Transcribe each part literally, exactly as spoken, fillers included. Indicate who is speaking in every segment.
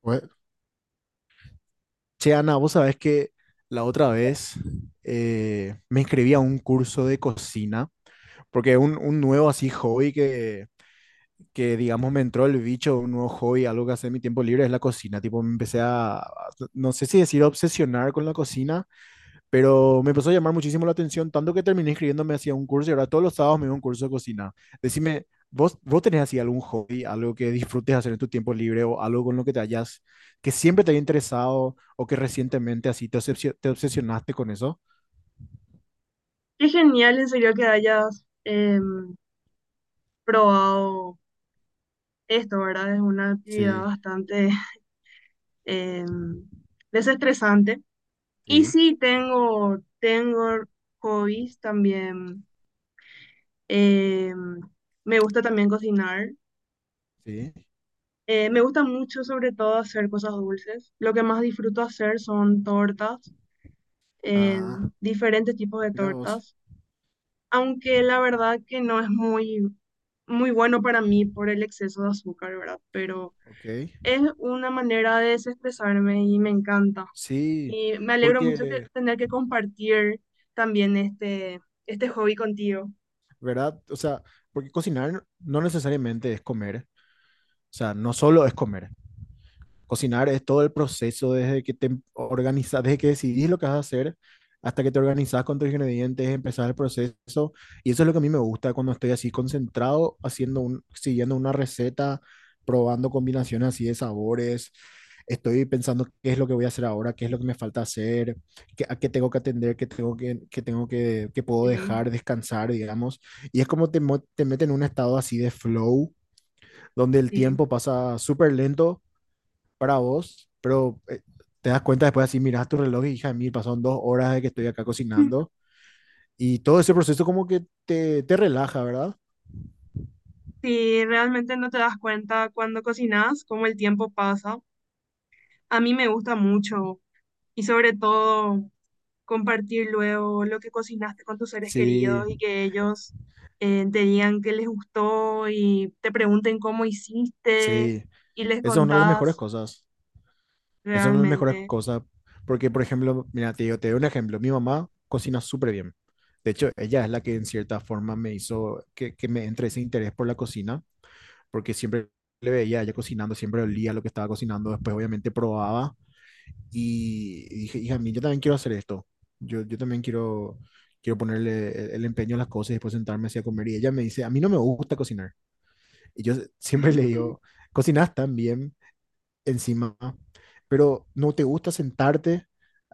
Speaker 1: Pues, che, Ana, vos sabés que la otra vez eh, me inscribí a un curso de cocina, porque un, un nuevo así hobby que, que, digamos, me entró el bicho, un nuevo hobby, algo que hace en mi tiempo libre es la cocina. Tipo, me empecé a, a- no sé si decir obsesionar con la cocina, pero me empezó a llamar muchísimo la atención, tanto que terminé inscribiéndome hacia un curso y ahora todos los sábados me voy a un curso de cocina. Decime, ¿vos, vos tenés así algún hobby, algo que disfrutes hacer en tu tiempo libre o algo con lo que te hayas, que siempre te haya interesado o que recientemente así te, obsesio- te obsesionaste con eso?
Speaker 2: Qué genial, en serio, que hayas em, probado esto, ¿verdad? Es una actividad
Speaker 1: Sí,
Speaker 2: bastante em, desestresante. Y
Speaker 1: sí,
Speaker 2: sí, tengo, tengo hobbies también. Em, Me gusta también cocinar.
Speaker 1: sí.
Speaker 2: Eh, me gusta mucho, sobre todo, hacer cosas dulces. Lo que más disfruto hacer son tortas,
Speaker 1: Ah,
Speaker 2: em, diferentes tipos de
Speaker 1: mira vos.
Speaker 2: tortas. Aunque la verdad que no es muy muy bueno para mí por el exceso de azúcar, ¿verdad? Pero
Speaker 1: Ok.
Speaker 2: es una manera de desestresarme y me encanta.
Speaker 1: Sí,
Speaker 2: Y me alegro mucho que
Speaker 1: porque,
Speaker 2: tener que compartir también este, este hobby contigo.
Speaker 1: ¿verdad? O sea, porque cocinar no necesariamente es comer. O sea, no solo es comer. Cocinar es todo el proceso desde que te organizas, desde que decidís lo que vas a hacer hasta que te organizas con tus ingredientes, empezás el proceso. Y eso es lo que a mí me gusta cuando estoy así concentrado, haciendo un, siguiendo una receta, probando combinaciones así de sabores. Estoy pensando qué es lo que voy a hacer ahora, qué es lo que me falta hacer, qué, a qué tengo que atender, qué tengo que, qué tengo que, qué puedo
Speaker 2: Sí,
Speaker 1: dejar descansar, digamos. Y es como te, mo- te mete en un estado así de flow, donde el
Speaker 2: sí.
Speaker 1: tiempo pasa súper lento para vos, pero eh, te das cuenta después así, miras tu reloj y hija de mí, pasaron dos horas de que estoy acá cocinando y todo ese proceso como que te, te relaja, ¿verdad?
Speaker 2: Sí, realmente no te das cuenta cuando cocinas, cómo el tiempo pasa. A mí me gusta mucho y sobre todo compartir luego lo que cocinaste con tus seres
Speaker 1: Sí,
Speaker 2: queridos y que ellos eh, te digan qué les gustó y te pregunten cómo hiciste
Speaker 1: sí,
Speaker 2: y les
Speaker 1: esa es una de las mejores
Speaker 2: contás
Speaker 1: cosas, esa es una de las mejores
Speaker 2: realmente.
Speaker 1: cosas, porque por ejemplo, mira, te digo, te doy un ejemplo, mi mamá cocina súper bien. De hecho, ella es la que en cierta forma me hizo que, que me entre ese interés por la cocina, porque siempre le veía a ella cocinando, siempre olía lo que estaba cocinando, después obviamente probaba. Y dije, hija mía, yo también quiero hacer esto. Yo, yo también quiero, quiero ponerle el, el empeño a las cosas y después sentarme así a comer. Y ella me dice, a mí no me gusta cocinar. Y yo siempre le digo, cocinas tan bien, encima, pero no te gusta sentarte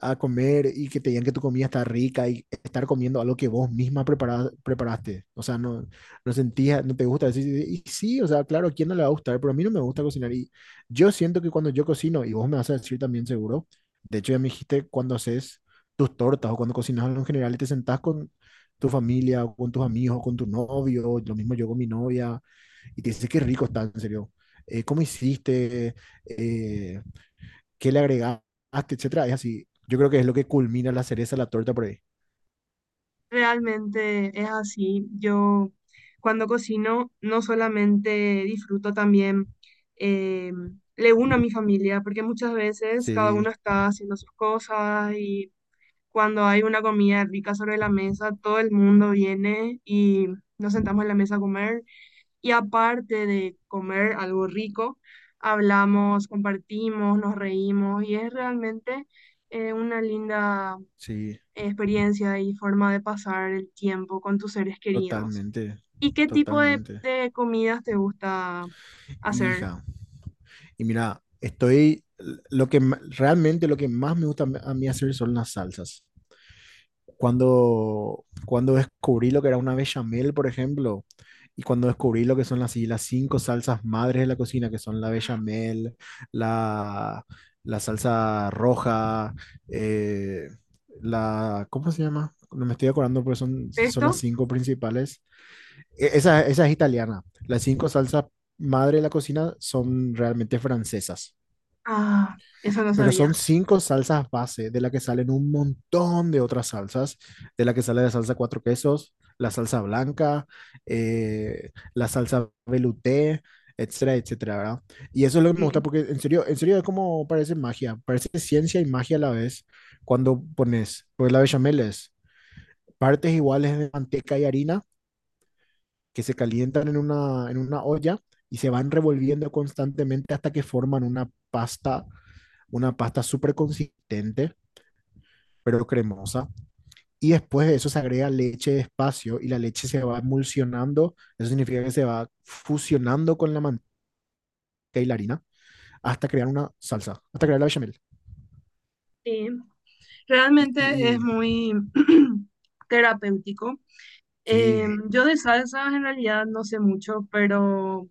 Speaker 1: a comer y que te digan que tu comida está rica y estar comiendo algo que vos misma prepara- preparaste. O sea, no, no sentías, no te gusta decir, y sí, o sea, claro, ¿a quién no le va a gustar? Pero a mí no me gusta cocinar y yo siento que cuando yo cocino, y vos me vas a decir también seguro, de hecho ya me dijiste cuando haces tus tortas o cuando cocinas algo en general y te sentás con tu familia o con tus amigos o con tu novio, lo mismo yo con mi novia, y te dice, qué rico está, en serio. Eh, ¿cómo hiciste? eh, ¿Qué le agregaste? Etcétera. Es así. Yo creo que es lo que culmina la cereza, la torta por ahí.
Speaker 2: Realmente es así. Yo cuando cocino no solamente disfruto también, eh, le uno a mi familia, porque muchas veces cada uno
Speaker 1: Sí,
Speaker 2: está haciendo sus cosas y cuando hay una comida rica sobre la mesa, todo el mundo viene y nos sentamos en la mesa a comer. Y aparte de comer algo rico, hablamos, compartimos, nos reímos y es realmente eh, una linda
Speaker 1: sí,
Speaker 2: experiencia y forma de pasar el tiempo con tus seres queridos.
Speaker 1: totalmente,
Speaker 2: ¿Y qué tipo de,
Speaker 1: totalmente.
Speaker 2: de comidas te gusta hacer?
Speaker 1: Hija, y mira, estoy, lo que ma- realmente lo que más me gusta a mí hacer son las salsas. Cuando, cuando descubrí lo que era una bechamel, por ejemplo, y cuando descubrí lo que son las, las cinco salsas madres de la cocina, que son la bechamel, la, la salsa roja, eh, la, ¿cómo se llama? No me estoy acordando, pero son, son las
Speaker 2: ¿Pesto?
Speaker 1: cinco principales. E- Esa, esa es italiana. Las cinco salsas madre de la cocina son realmente francesas.
Speaker 2: Ah, eso no
Speaker 1: Pero
Speaker 2: sabía.
Speaker 1: son cinco salsas base, de la que salen un montón de otras salsas, de la que sale la salsa cuatro quesos, la salsa blanca, eh, la salsa velouté, etcétera, etcétera, ¿verdad? Y eso es lo que me
Speaker 2: Sí,
Speaker 1: gusta porque en serio, en serio es como parece magia, parece ciencia y magia a la vez cuando pones, pues la bechamel es partes iguales de manteca y harina que se calientan en una, en una olla y se van revolviendo constantemente hasta que forman una pasta, una pasta súper consistente pero cremosa. Y después de eso se agrega leche despacio y la leche se va emulsionando. Eso significa que se va fusionando con la manteca y la harina hasta crear una salsa, hasta crear la bechamel.
Speaker 2: sí.
Speaker 1: Y, y,
Speaker 2: Realmente es
Speaker 1: y-
Speaker 2: muy terapéutico. Eh,
Speaker 1: sí,
Speaker 2: yo de salsas en realidad no sé mucho, pero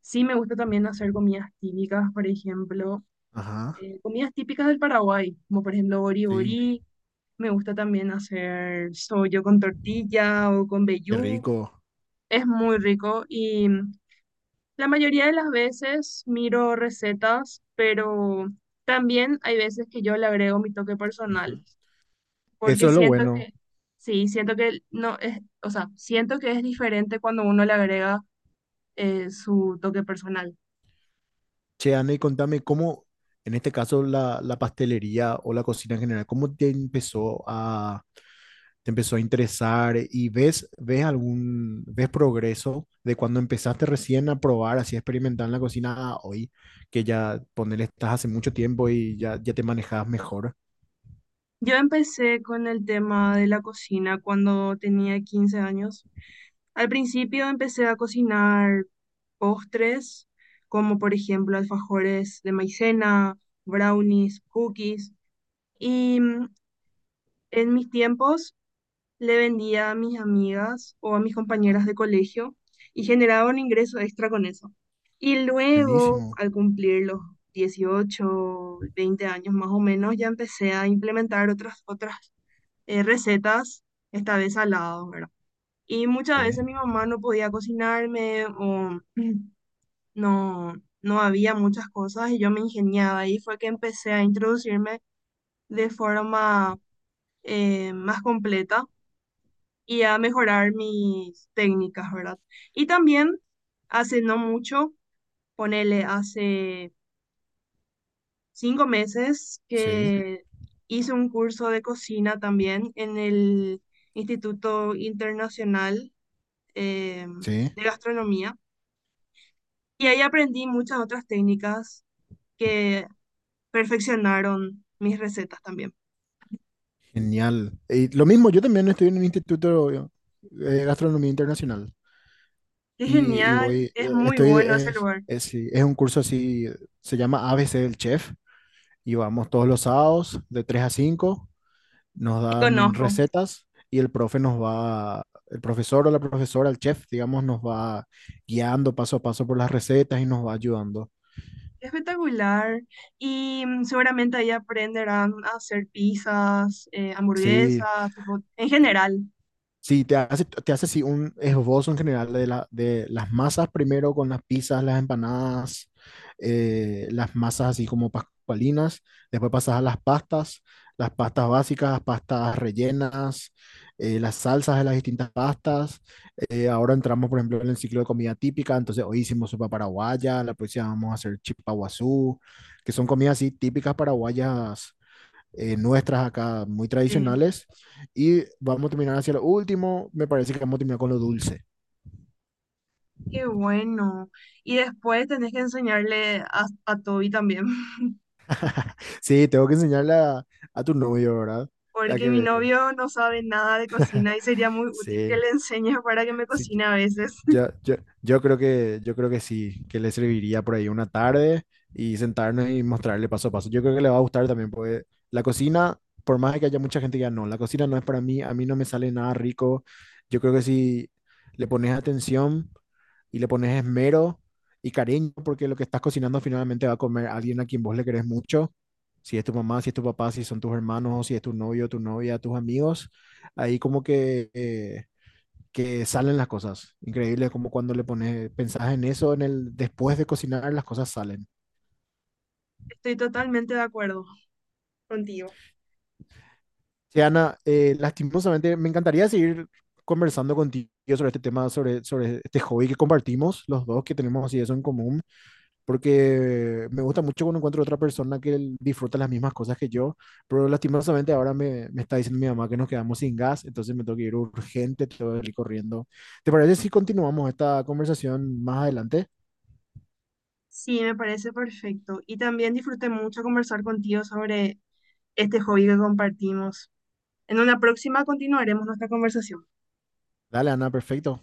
Speaker 2: sí me gusta también hacer comidas típicas, por ejemplo.
Speaker 1: ajá,
Speaker 2: Eh, comidas típicas del Paraguay, como por ejemplo bori
Speaker 1: sí,
Speaker 2: bori. Me gusta también hacer sollo con tortilla o con
Speaker 1: qué
Speaker 2: vellú.
Speaker 1: rico.
Speaker 2: Es muy rico y mm, la mayoría de las veces miro recetas, pero también hay veces que yo le agrego mi toque personal,
Speaker 1: Ujú.
Speaker 2: porque
Speaker 1: Eso es lo
Speaker 2: siento
Speaker 1: bueno.
Speaker 2: que, sí, siento que no es, o sea, siento que es diferente cuando uno le agrega eh, su toque personal.
Speaker 1: Che, Ana, y contame cómo, en este caso, la, la pastelería o la cocina en general, ¿cómo te empezó a, te empezó a interesar? Eh, ¿y ves, ves algún, ves progreso de cuando empezaste recién a probar, así a experimentar en la cocina a hoy, que ya ponerle estás hace mucho tiempo y ya, ya te manejabas mejor?
Speaker 2: Yo empecé con el tema de la cocina cuando tenía quince años. Al principio empecé a cocinar postres, como por ejemplo alfajores de maicena, brownies, cookies. Y mm, en mis tiempos le vendía a mis amigas o a mis compañeras de colegio y generaba un ingreso extra con eso. Y luego,
Speaker 1: Buenísimo.
Speaker 2: al cumplir los dieciocho, veinte años más o menos, ya empecé a implementar otras, otras eh, recetas, esta vez al lado, y muchas
Speaker 1: Sí,
Speaker 2: veces mi mamá no podía cocinarme o no, no había muchas cosas y yo me ingeniaba. Y fue que empecé a introducirme de forma eh, más completa y a mejorar mis técnicas, ¿verdad? Y también hace no mucho, ponele hace cinco meses
Speaker 1: sí,
Speaker 2: que hice un curso de cocina también en el Instituto Internacional eh,
Speaker 1: sí.
Speaker 2: de Gastronomía. Y ahí aprendí muchas otras técnicas que perfeccionaron mis recetas también.
Speaker 1: Genial. Y lo mismo, yo también estoy en un instituto eh, de gastronomía internacional
Speaker 2: Qué
Speaker 1: y, y
Speaker 2: genial,
Speaker 1: voy,
Speaker 2: es
Speaker 1: eh,
Speaker 2: muy
Speaker 1: estoy,
Speaker 2: bueno ese
Speaker 1: es,
Speaker 2: lugar.
Speaker 1: es, sí, es un curso así, se llama A B C del Chef y vamos todos los sábados de tres a cinco, nos
Speaker 2: Y
Speaker 1: dan
Speaker 2: conozco,
Speaker 1: recetas y el profe nos va, el profesor o la profesora, el chef, digamos, nos va guiando paso a paso por las recetas y nos va ayudando.
Speaker 2: espectacular. Y mm, seguramente ahí aprenderán a hacer pizzas, eh,
Speaker 1: Sí,
Speaker 2: hamburguesas, tipo, en general.
Speaker 1: sí, te hace, te hace así un esbozo en general de, la, de las masas primero con las pizzas, las empanadas, eh, las masas así como pascualinas, después pasas a las pastas, las pastas básicas, las pastas rellenas, eh, las salsas de las distintas pastas. Eh, ahora entramos, por ejemplo, en el ciclo de comida típica, entonces hoy hicimos sopa paraguaya, la próxima vamos a hacer chipa guazú, que son comidas así típicas paraguayas, eh, nuestras acá muy
Speaker 2: Eh,
Speaker 1: tradicionales, y vamos a terminar hacia lo último, me parece que vamos a terminar con lo dulce.
Speaker 2: qué bueno. Y después tenés que enseñarle a, a Toby también.
Speaker 1: Sí, tengo que enseñarle a, a tu novio, ¿verdad? Hay
Speaker 2: Porque
Speaker 1: que
Speaker 2: mi
Speaker 1: ver.
Speaker 2: novio no sabe nada de cocina y sería muy útil
Speaker 1: Sí,
Speaker 2: que le enseñe para que me
Speaker 1: sí,
Speaker 2: cocine a veces.
Speaker 1: yo, yo, yo creo que, yo creo que sí, que le serviría por ahí una tarde y sentarnos y mostrarle paso a paso. Yo creo que le va a gustar también, porque la cocina, por más de que haya mucha gente que ya no, la cocina no es para mí, a mí no me sale nada rico. Yo creo que si le pones atención y le pones esmero y cariño, porque lo que estás cocinando finalmente va a comer alguien a quien vos le querés mucho. Si es tu mamá, si es tu papá, si son tus hermanos, si es tu novio, tu novia, tus amigos, ahí como que, eh, que salen las cosas. Increíble como cuando le pones, pensás en eso, en el después de cocinar, las cosas salen.
Speaker 2: Estoy totalmente de acuerdo contigo.
Speaker 1: Sí, Ana, eh, lastimosamente me encantaría seguir conversando contigo sobre este tema, sobre, sobre este hobby que compartimos los dos, que tenemos así eso en común, porque me gusta mucho cuando encuentro otra persona que disfruta las mismas cosas que yo, pero lastimosamente ahora me, me está diciendo mi mamá que nos quedamos sin gas, entonces me tengo que ir urgente, tengo que ir corriendo. ¿Te parece si continuamos esta conversación más adelante?
Speaker 2: Sí, me parece perfecto. Y también disfruté mucho conversar contigo sobre este hobby que compartimos. En una próxima continuaremos nuestra conversación.
Speaker 1: Dale, Ana, perfecto.